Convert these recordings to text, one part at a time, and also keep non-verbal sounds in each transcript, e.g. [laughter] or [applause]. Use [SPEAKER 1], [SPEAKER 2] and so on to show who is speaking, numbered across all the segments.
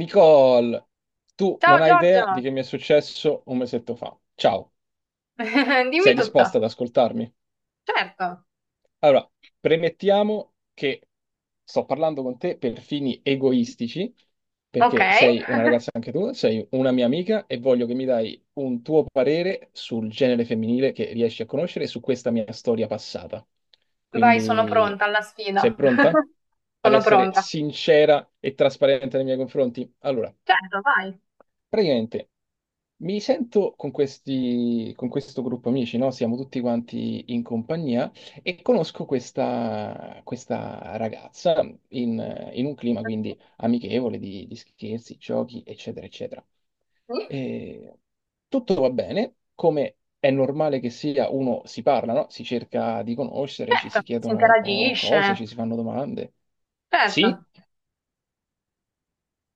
[SPEAKER 1] Nicole, tu non
[SPEAKER 2] Ciao
[SPEAKER 1] hai idea di
[SPEAKER 2] Giorgio,
[SPEAKER 1] che mi è successo un mesetto fa. Ciao,
[SPEAKER 2] [laughs] dimmi
[SPEAKER 1] sei
[SPEAKER 2] tutto.
[SPEAKER 1] disposta ad ascoltarmi?
[SPEAKER 2] Certo.
[SPEAKER 1] Allora, premettiamo che sto parlando con te per fini egoistici,
[SPEAKER 2] Ok,
[SPEAKER 1] perché sei una ragazza anche tu, sei una mia amica e voglio che mi dai un tuo parere sul genere femminile che riesci a conoscere e su questa mia storia passata.
[SPEAKER 2] vai, sono
[SPEAKER 1] Quindi,
[SPEAKER 2] pronta alla
[SPEAKER 1] sei
[SPEAKER 2] sfida.
[SPEAKER 1] pronta
[SPEAKER 2] [laughs]
[SPEAKER 1] ad
[SPEAKER 2] Sono
[SPEAKER 1] essere
[SPEAKER 2] pronta.
[SPEAKER 1] sincera e trasparente nei miei confronti? Allora.
[SPEAKER 2] Certo, vai.
[SPEAKER 1] Praticamente mi sento con questo gruppo amici, no? Siamo tutti quanti in compagnia e conosco questa ragazza in un clima quindi amichevole di scherzi, giochi, eccetera, eccetera.
[SPEAKER 2] Sì?
[SPEAKER 1] E tutto va bene, come è normale che sia, uno si parla, no? Si cerca di conoscere, ci
[SPEAKER 2] Certo,
[SPEAKER 1] si
[SPEAKER 2] si
[SPEAKER 1] chiedono cose,
[SPEAKER 2] interagisce.
[SPEAKER 1] ci si fanno domande.
[SPEAKER 2] Certo.
[SPEAKER 1] Sì?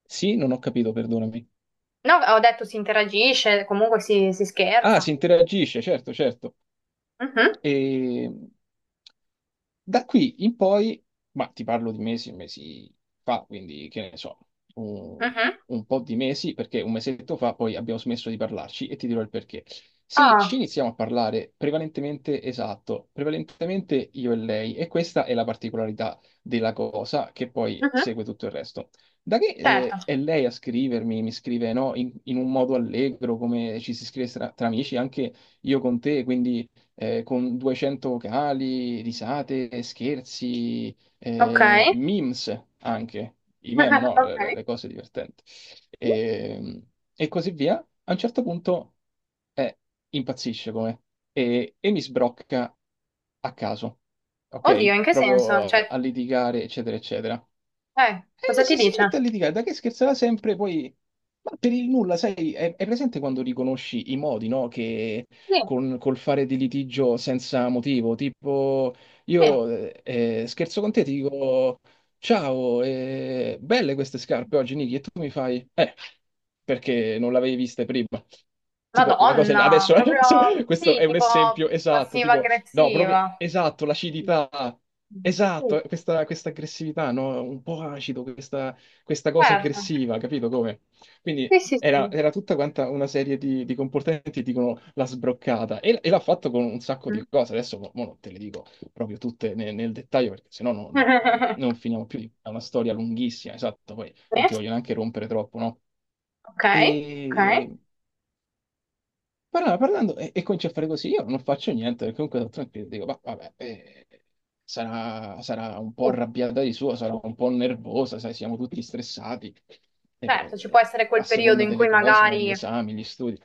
[SPEAKER 1] Sì, non ho capito, perdonami.
[SPEAKER 2] No, ho detto si interagisce, comunque si
[SPEAKER 1] Ah,
[SPEAKER 2] scherza.
[SPEAKER 1] si interagisce, certo, certo.
[SPEAKER 2] Mhm,
[SPEAKER 1] E da qui in poi, ma ti parlo di mesi, mesi fa, quindi che ne so, un,
[SPEAKER 2] mhm.
[SPEAKER 1] un po' di mesi, perché un mesetto fa poi abbiamo smesso di parlarci e ti dirò il perché. Sì, ci
[SPEAKER 2] Ah,
[SPEAKER 1] iniziamo a parlare prevalentemente, esatto, prevalentemente io e lei, e questa è la particolarità della cosa che poi
[SPEAKER 2] mhm.
[SPEAKER 1] segue tutto il resto. Da che
[SPEAKER 2] Certo.
[SPEAKER 1] è lei a scrivermi, mi scrive no, in un modo allegro, come ci si scrive tra amici, anche io con te, quindi con 200 vocali, risate, scherzi,
[SPEAKER 2] Ok.
[SPEAKER 1] memes anche, i meme,
[SPEAKER 2] [laughs]
[SPEAKER 1] no? Le,
[SPEAKER 2] Ok.
[SPEAKER 1] le- le cose divertenti. E, e così via. A un certo punto eh, impazzisce come e mi sbrocca a caso,
[SPEAKER 2] Oddio,
[SPEAKER 1] ok?
[SPEAKER 2] in che
[SPEAKER 1] Proprio
[SPEAKER 2] senso? Cioè,
[SPEAKER 1] a litigare, eccetera, eccetera.
[SPEAKER 2] cosa
[SPEAKER 1] Eh,
[SPEAKER 2] ti
[SPEAKER 1] si, si
[SPEAKER 2] dice?
[SPEAKER 1] mette a litigare, da che scherzerà sempre, poi... Ma per il nulla, sai, è presente quando riconosci i modi, no? Che
[SPEAKER 2] Sì,
[SPEAKER 1] col fare di litigio senza motivo, tipo
[SPEAKER 2] sì.
[SPEAKER 1] io scherzo con te, ti dico ciao, belle queste scarpe oggi, Niki, e tu mi fai perché non l'avevi viste prima. Tipo, una cosa,
[SPEAKER 2] Madonna,
[SPEAKER 1] adesso, [laughs]
[SPEAKER 2] proprio
[SPEAKER 1] adesso questo
[SPEAKER 2] sì,
[SPEAKER 1] è un
[SPEAKER 2] tipo
[SPEAKER 1] esempio esatto, tipo. No, proprio
[SPEAKER 2] passiva-aggressiva.
[SPEAKER 1] esatto, l'acidità.
[SPEAKER 2] Mm. Sì,
[SPEAKER 1] Esatto, questa aggressività, no? Un po' acido, questa cosa
[SPEAKER 2] certo.
[SPEAKER 1] aggressiva, capito come? Quindi
[SPEAKER 2] Sì, sì, sì.
[SPEAKER 1] era tutta quanta una serie di comportamenti, dicono la sbroccata, e l'ha fatto con un sacco di
[SPEAKER 2] Mm.
[SPEAKER 1] cose. Adesso mo non te le dico proprio tutte nel dettaglio, perché sennò non
[SPEAKER 2] [laughs]
[SPEAKER 1] finiamo più. È una storia lunghissima, esatto, poi non
[SPEAKER 2] Sì,
[SPEAKER 1] ti voglio neanche rompere troppo, no?
[SPEAKER 2] ok, ok.
[SPEAKER 1] Parlando, parlando e comincia a fare così, io non faccio niente, perché comunque sono tranquillo, dico, "Ma vabbè, sarà un po'
[SPEAKER 2] Sì.
[SPEAKER 1] arrabbiata di suo, sarà un po' nervosa, sai, siamo tutti stressati,
[SPEAKER 2] Certo, ci può essere
[SPEAKER 1] a
[SPEAKER 2] quel periodo
[SPEAKER 1] seconda
[SPEAKER 2] in
[SPEAKER 1] delle
[SPEAKER 2] cui
[SPEAKER 1] cose, magari gli
[SPEAKER 2] magari,
[SPEAKER 1] esami, gli studi.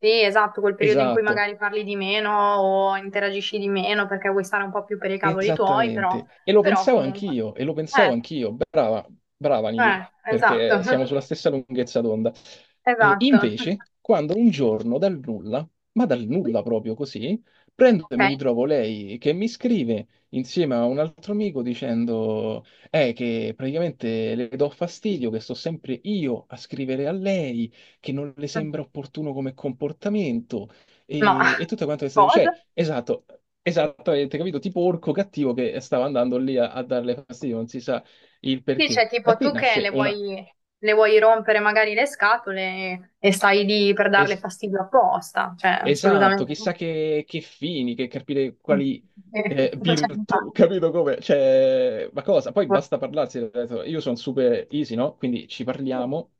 [SPEAKER 2] sì, esatto, quel periodo in cui
[SPEAKER 1] Esatto,
[SPEAKER 2] magari parli di meno o interagisci di meno perché vuoi stare un po' più per i cavoli tuoi, però,
[SPEAKER 1] esattamente. E lo
[SPEAKER 2] però
[SPEAKER 1] pensavo
[SPEAKER 2] comunque.
[SPEAKER 1] anch'io, e lo pensavo
[SPEAKER 2] Eh,
[SPEAKER 1] anch'io. Brava, brava Niki,
[SPEAKER 2] eh, esatto,
[SPEAKER 1] perché siamo
[SPEAKER 2] [laughs]
[SPEAKER 1] sulla stessa lunghezza d'onda. Eh,
[SPEAKER 2] esatto.
[SPEAKER 1] invece, quando un giorno dal nulla, ma dal nulla proprio così, prendo e
[SPEAKER 2] Ok.
[SPEAKER 1] mi ritrovo lei che mi scrive insieme a un altro amico dicendo che praticamente le do fastidio, che sto sempre io a scrivere a lei, che non le sembra opportuno come comportamento
[SPEAKER 2] Ma
[SPEAKER 1] e tutto quanto questo,
[SPEAKER 2] cosa?
[SPEAKER 1] cioè, esatto, esattamente, capito? Tipo orco cattivo che stava andando lì a darle fastidio, non si sa il
[SPEAKER 2] Sì,
[SPEAKER 1] perché.
[SPEAKER 2] cioè
[SPEAKER 1] Da
[SPEAKER 2] tipo
[SPEAKER 1] qui
[SPEAKER 2] tu che
[SPEAKER 1] nasce
[SPEAKER 2] le
[SPEAKER 1] una...
[SPEAKER 2] vuoi, le vuoi rompere magari le scatole e stai lì per darle
[SPEAKER 1] es-
[SPEAKER 2] fastidio apposta, cioè
[SPEAKER 1] esatto,
[SPEAKER 2] assolutamente no.
[SPEAKER 1] chissà che fini, che capire
[SPEAKER 2] [laughs]
[SPEAKER 1] quali
[SPEAKER 2] Eh, Cioè,
[SPEAKER 1] virtù, [laughs]
[SPEAKER 2] infatti.
[SPEAKER 1] capito come? Cioè, ma cosa? Poi basta parlarsi, ho detto, io sono super easy, no? Quindi ci parliamo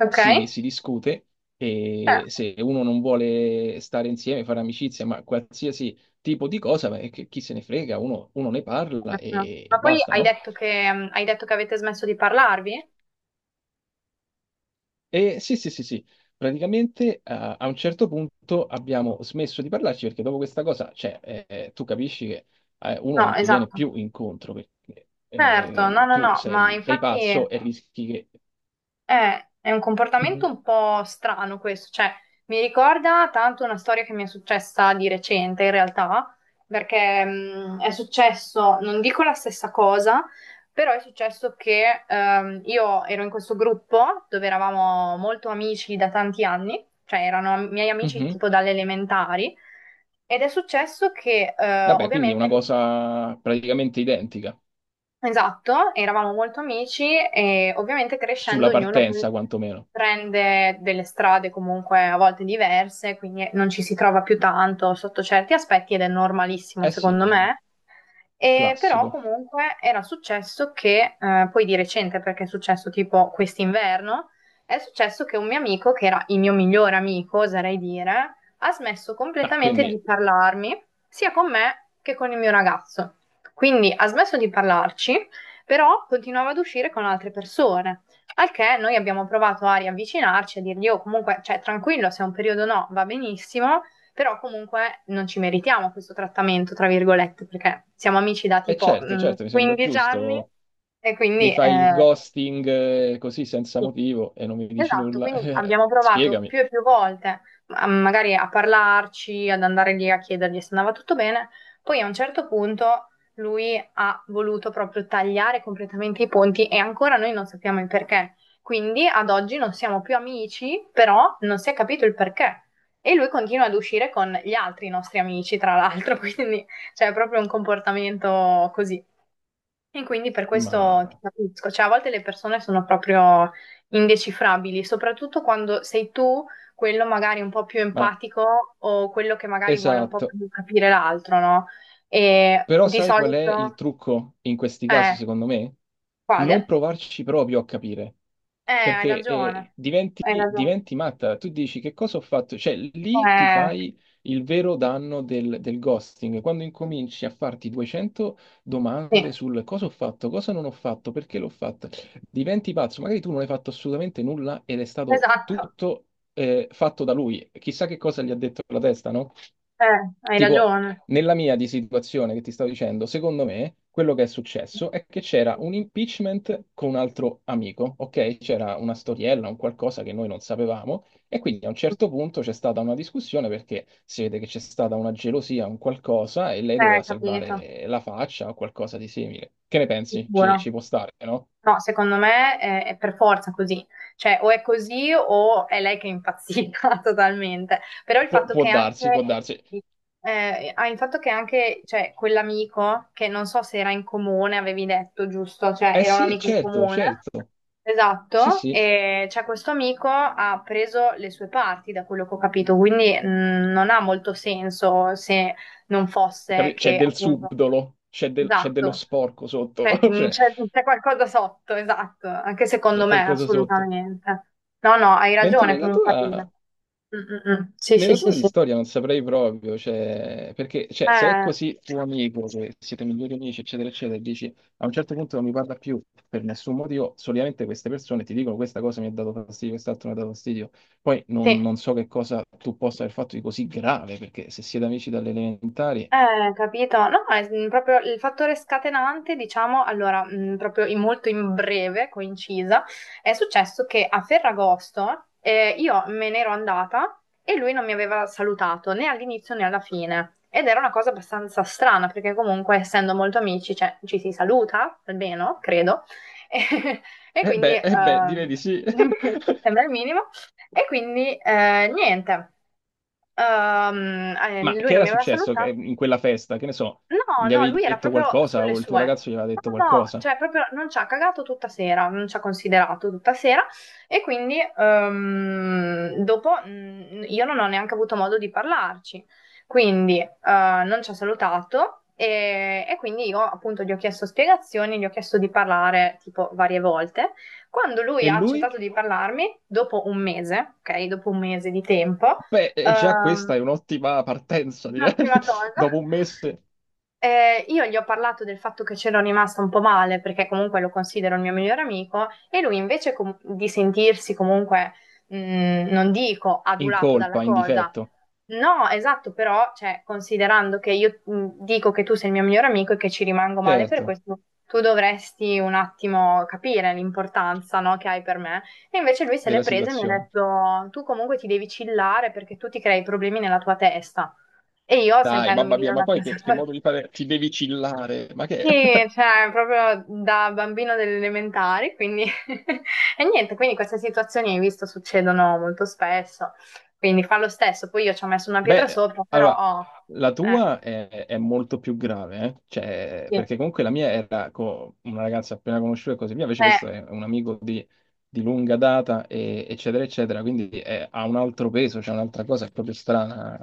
[SPEAKER 2] Ok?
[SPEAKER 1] si discute e se uno non vuole stare insieme, fare amicizia, ma qualsiasi tipo di cosa, beh, chi se ne frega, uno ne parla
[SPEAKER 2] Certo.
[SPEAKER 1] e
[SPEAKER 2] Ma poi
[SPEAKER 1] basta,
[SPEAKER 2] hai
[SPEAKER 1] no?
[SPEAKER 2] detto che, hai detto che avete smesso di parlarvi?
[SPEAKER 1] E sì, sì, sì, sì. Praticamente a un certo punto abbiamo smesso di parlarci perché dopo questa cosa, cioè, tu capisci che uno
[SPEAKER 2] No,
[SPEAKER 1] non ti viene
[SPEAKER 2] esatto.
[SPEAKER 1] più incontro perché
[SPEAKER 2] Certo, no, no,
[SPEAKER 1] tu
[SPEAKER 2] no, ma
[SPEAKER 1] sei
[SPEAKER 2] infatti
[SPEAKER 1] pazzo e rischi che...
[SPEAKER 2] È un comportamento
[SPEAKER 1] Mhm,
[SPEAKER 2] un po' strano questo, cioè mi ricorda tanto una storia che mi è successa di recente in realtà, perché è successo, non dico la stessa cosa, però è successo che io ero in questo gruppo dove eravamo molto amici da tanti anni, cioè erano miei amici
[SPEAKER 1] mhm.
[SPEAKER 2] tipo dalle elementari, ed è successo che
[SPEAKER 1] Vabbè, quindi è una
[SPEAKER 2] ovviamente
[SPEAKER 1] cosa praticamente identica,
[SPEAKER 2] esatto, eravamo molto amici e ovviamente crescendo
[SPEAKER 1] sulla
[SPEAKER 2] ognuno poi
[SPEAKER 1] partenza quantomeno.
[SPEAKER 2] prende delle strade comunque a volte diverse, quindi non ci si trova più tanto sotto certi aspetti ed è normalissimo
[SPEAKER 1] Eh sì,
[SPEAKER 2] secondo me. E però
[SPEAKER 1] classico.
[SPEAKER 2] comunque era successo che, poi di recente, perché è successo tipo quest'inverno, è successo che un mio amico, che era il mio migliore amico, oserei dire, ha smesso
[SPEAKER 1] Ah,
[SPEAKER 2] completamente di
[SPEAKER 1] quindi,
[SPEAKER 2] parlarmi, sia con me che con il mio ragazzo. Quindi ha smesso di parlarci, però continuava ad uscire con altre persone. Al che noi abbiamo provato a riavvicinarci, a dirgli, oh comunque, cioè tranquillo, se è un periodo no, va benissimo. Però comunque non ci meritiamo questo trattamento, tra virgolette, perché siamo amici da
[SPEAKER 1] è
[SPEAKER 2] tipo
[SPEAKER 1] certo, certo, mi sembra
[SPEAKER 2] 15 anni
[SPEAKER 1] giusto.
[SPEAKER 2] e
[SPEAKER 1] Mi
[SPEAKER 2] quindi
[SPEAKER 1] fai il ghosting così senza
[SPEAKER 2] sì.
[SPEAKER 1] motivo e non mi dici
[SPEAKER 2] Esatto,
[SPEAKER 1] nulla. [laughs]
[SPEAKER 2] quindi abbiamo provato
[SPEAKER 1] Spiegami.
[SPEAKER 2] più e più volte, magari a parlarci, ad andare lì a chiedergli se andava tutto bene. Poi a un certo punto lui ha voluto proprio tagliare completamente i ponti e ancora noi non sappiamo il perché. Quindi ad oggi non siamo più amici, però non si è capito il perché. E lui continua ad uscire con gli altri nostri amici, tra l'altro, [laughs] quindi c'è proprio un comportamento così. E quindi per questo ti
[SPEAKER 1] Ma,
[SPEAKER 2] capisco, cioè a volte le persone sono proprio indecifrabili, soprattutto quando sei tu quello magari un po' più
[SPEAKER 1] ma
[SPEAKER 2] empatico o quello che magari vuole un po'
[SPEAKER 1] esatto.
[SPEAKER 2] più capire l'altro, no? E
[SPEAKER 1] Però
[SPEAKER 2] di
[SPEAKER 1] sai qual è il
[SPEAKER 2] solito,
[SPEAKER 1] trucco in questi casi,
[SPEAKER 2] eh,
[SPEAKER 1] secondo me? Non
[SPEAKER 2] quale?
[SPEAKER 1] provarci proprio a capire,
[SPEAKER 2] Hai
[SPEAKER 1] perché
[SPEAKER 2] ragione, hai
[SPEAKER 1] diventi,
[SPEAKER 2] ragione.
[SPEAKER 1] diventi matta. Tu dici che cosa ho fatto? Cioè, lì ti
[SPEAKER 2] Eh,
[SPEAKER 1] fai il vero danno del ghosting, quando incominci a farti 200
[SPEAKER 2] sì,
[SPEAKER 1] domande sul cosa ho fatto, cosa non ho fatto, perché l'ho fatto. Diventi pazzo, magari tu non hai fatto assolutamente nulla ed è stato
[SPEAKER 2] esatto,
[SPEAKER 1] tutto fatto da lui. Chissà che cosa gli ha detto la testa, no?
[SPEAKER 2] eh, hai
[SPEAKER 1] Tipo,
[SPEAKER 2] ragione.
[SPEAKER 1] nella mia di situazione che ti stavo dicendo, secondo me quello che è successo è che c'era un impeachment con un altro amico, ok? C'era una storiella, un qualcosa che noi non sapevamo e quindi a un certo punto c'è stata una discussione perché si vede che c'è stata una gelosia, un qualcosa e lei doveva
[SPEAKER 2] Capito,
[SPEAKER 1] salvare la faccia o qualcosa di simile. Che ne pensi? Ci,
[SPEAKER 2] sicuro.
[SPEAKER 1] ci può stare, no?
[SPEAKER 2] No, secondo me è per forza così, cioè o è così o è lei che è impazzita [laughs] totalmente, però
[SPEAKER 1] Pu- può darsi, può darsi.
[SPEAKER 2] il fatto che anche, cioè, quell'amico, che non so se era in comune, avevi detto, giusto, cioè
[SPEAKER 1] Eh
[SPEAKER 2] era un
[SPEAKER 1] sì,
[SPEAKER 2] amico in
[SPEAKER 1] certo,
[SPEAKER 2] comune,
[SPEAKER 1] certo. Sì,
[SPEAKER 2] esatto,
[SPEAKER 1] sì,
[SPEAKER 2] e cioè, questo amico ha preso le sue parti, da quello che ho capito, quindi non ha molto senso se non fosse
[SPEAKER 1] C'è
[SPEAKER 2] che
[SPEAKER 1] del
[SPEAKER 2] appunto,
[SPEAKER 1] subdolo, c'è dello
[SPEAKER 2] esatto.
[SPEAKER 1] sporco sotto.
[SPEAKER 2] Eh,
[SPEAKER 1] [laughs]
[SPEAKER 2] mm,
[SPEAKER 1] Cioè,
[SPEAKER 2] c'è c'è qualcosa sotto, esatto, anche secondo
[SPEAKER 1] c'è
[SPEAKER 2] me,
[SPEAKER 1] qualcosa sotto.
[SPEAKER 2] assolutamente. No, no, hai
[SPEAKER 1] Mentre
[SPEAKER 2] ragione
[SPEAKER 1] nella
[SPEAKER 2] comunque. Alina.
[SPEAKER 1] tua,
[SPEAKER 2] Mm, mm, mm. Sì, sì,
[SPEAKER 1] nella
[SPEAKER 2] sì,
[SPEAKER 1] tua di
[SPEAKER 2] sì.
[SPEAKER 1] storia non saprei proprio, cioè, perché cioè, se è
[SPEAKER 2] Eh,
[SPEAKER 1] così tuo amico, che siete migliori amici, eccetera, eccetera, e dici a un certo punto non mi parla più per nessun motivo, solitamente queste persone ti dicono questa cosa mi ha dato fastidio, quest'altro mi ha dato fastidio. Poi non,
[SPEAKER 2] sì.
[SPEAKER 1] non so che cosa tu possa aver fatto di così grave, perché se siete amici dalle elementari...
[SPEAKER 2] Capito? No, è proprio il fattore scatenante, diciamo, allora, proprio in molto in breve, coincisa, è successo che a Ferragosto io me ne ero andata e lui non mi aveva salutato né all'inizio né alla fine. Ed era una cosa abbastanza strana, perché comunque essendo molto amici, cioè, ci si saluta, almeno, credo. [laughs] E, e quindi,
[SPEAKER 1] Eh beh, direi di sì. [laughs]
[SPEAKER 2] [laughs] sembra il minimo. E quindi, niente.
[SPEAKER 1] Ma
[SPEAKER 2] Lui
[SPEAKER 1] che
[SPEAKER 2] non
[SPEAKER 1] era
[SPEAKER 2] mi aveva
[SPEAKER 1] successo
[SPEAKER 2] salutato.
[SPEAKER 1] in quella festa? Che ne so,
[SPEAKER 2] No,
[SPEAKER 1] gli
[SPEAKER 2] no,
[SPEAKER 1] avevi
[SPEAKER 2] lui era
[SPEAKER 1] detto
[SPEAKER 2] proprio
[SPEAKER 1] qualcosa
[SPEAKER 2] sulle
[SPEAKER 1] o il tuo
[SPEAKER 2] sue.
[SPEAKER 1] ragazzo gli aveva
[SPEAKER 2] No,
[SPEAKER 1] detto
[SPEAKER 2] no,
[SPEAKER 1] qualcosa?
[SPEAKER 2] cioè proprio non ci ha cagato tutta sera, non ci ha considerato tutta sera e quindi dopo io non ho neanche avuto modo di parlarci, quindi non ci ha salutato e quindi io appunto gli ho chiesto spiegazioni, gli ho chiesto di parlare tipo varie volte. Quando lui
[SPEAKER 1] E
[SPEAKER 2] ha
[SPEAKER 1] lui?
[SPEAKER 2] accettato di parlarmi, dopo un mese, ok, dopo un mese di tempo,
[SPEAKER 1] Beh, e già
[SPEAKER 2] ehm,
[SPEAKER 1] questa è un'ottima partenza, direi.
[SPEAKER 2] l'ultima
[SPEAKER 1] [laughs]
[SPEAKER 2] cosa.
[SPEAKER 1] Dopo un mese
[SPEAKER 2] Io gli ho parlato del fatto che c'ero rimasta un po' male, perché comunque lo considero il mio migliore amico, e lui invece di sentirsi comunque, non dico
[SPEAKER 1] in
[SPEAKER 2] adulato dalla
[SPEAKER 1] colpa, in
[SPEAKER 2] cosa,
[SPEAKER 1] difetto,
[SPEAKER 2] no, esatto, però, cioè, considerando che io dico che tu sei il mio migliore amico e che ci rimango male per
[SPEAKER 1] certo,
[SPEAKER 2] questo, tu dovresti un attimo capire l'importanza, no, che hai per me. E invece lui se l'è
[SPEAKER 1] della
[SPEAKER 2] presa e mi ha
[SPEAKER 1] situazione.
[SPEAKER 2] detto, tu comunque ti devi chillare perché tu ti crei problemi nella tua testa. E io
[SPEAKER 1] Dai,
[SPEAKER 2] sentendomi
[SPEAKER 1] mamma
[SPEAKER 2] dire
[SPEAKER 1] mia, ma
[SPEAKER 2] una
[SPEAKER 1] poi che,
[SPEAKER 2] cosa
[SPEAKER 1] che
[SPEAKER 2] [laughs]
[SPEAKER 1] modo di fare? Ti devi chillare, ma che...
[SPEAKER 2] Sì, cioè, proprio da bambino delle elementari, quindi... [laughs] E niente, quindi queste situazioni, hai visto, succedono molto spesso. Quindi fa lo stesso, poi io ci ho messo una
[SPEAKER 1] [laughs]
[SPEAKER 2] pietra
[SPEAKER 1] Beh,
[SPEAKER 2] sopra,
[SPEAKER 1] allora,
[SPEAKER 2] però...
[SPEAKER 1] la
[SPEAKER 2] Eh,
[SPEAKER 1] tua è molto più grave, eh? Cioè,
[SPEAKER 2] sì.
[SPEAKER 1] perché comunque la mia era una ragazza appena conosciuta e così via, invece
[SPEAKER 2] Eh,
[SPEAKER 1] questo è un amico di lunga data, eccetera, eccetera, quindi ha un altro peso, c'è un'altra cosa, è proprio strana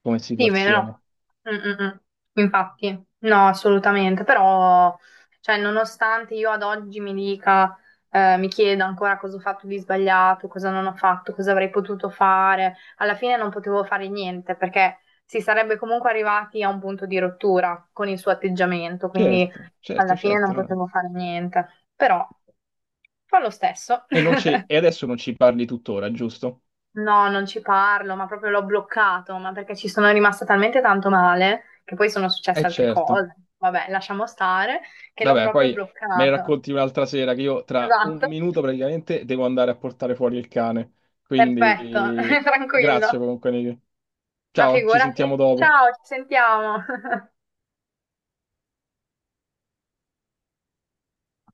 [SPEAKER 1] come
[SPEAKER 2] sì,
[SPEAKER 1] situazione.
[SPEAKER 2] vero. Mm, mm, mm. Infatti, no, assolutamente, però, cioè, nonostante io ad oggi mi chieda ancora cosa ho fatto di sbagliato, cosa non ho fatto, cosa avrei potuto fare, alla fine non potevo fare niente perché si sarebbe comunque arrivati a un punto di rottura con il suo atteggiamento, quindi
[SPEAKER 1] Certo,
[SPEAKER 2] alla
[SPEAKER 1] certo,
[SPEAKER 2] fine non
[SPEAKER 1] certo. No, no.
[SPEAKER 2] potevo fare niente, però fa lo stesso.
[SPEAKER 1] E, non
[SPEAKER 2] [laughs]
[SPEAKER 1] ci- e adesso non ci parli tuttora, giusto?
[SPEAKER 2] No, non ci parlo, ma proprio l'ho bloccato, ma perché ci sono rimasta talmente tanto male, che poi sono
[SPEAKER 1] Eh
[SPEAKER 2] successe altre
[SPEAKER 1] certo.
[SPEAKER 2] cose. Vabbè, lasciamo stare, che l'ho
[SPEAKER 1] Vabbè,
[SPEAKER 2] proprio
[SPEAKER 1] poi me ne
[SPEAKER 2] bloccato.
[SPEAKER 1] racconti un'altra sera che io tra un
[SPEAKER 2] Esatto,
[SPEAKER 1] minuto praticamente devo andare a portare fuori il cane.
[SPEAKER 2] perfetto,
[SPEAKER 1] Quindi
[SPEAKER 2] [laughs]
[SPEAKER 1] grazie
[SPEAKER 2] tranquillo.
[SPEAKER 1] comunque, Nick.
[SPEAKER 2] Ma
[SPEAKER 1] Ciao, ci
[SPEAKER 2] figurati.
[SPEAKER 1] sentiamo dopo.
[SPEAKER 2] Ciao, ci sentiamo.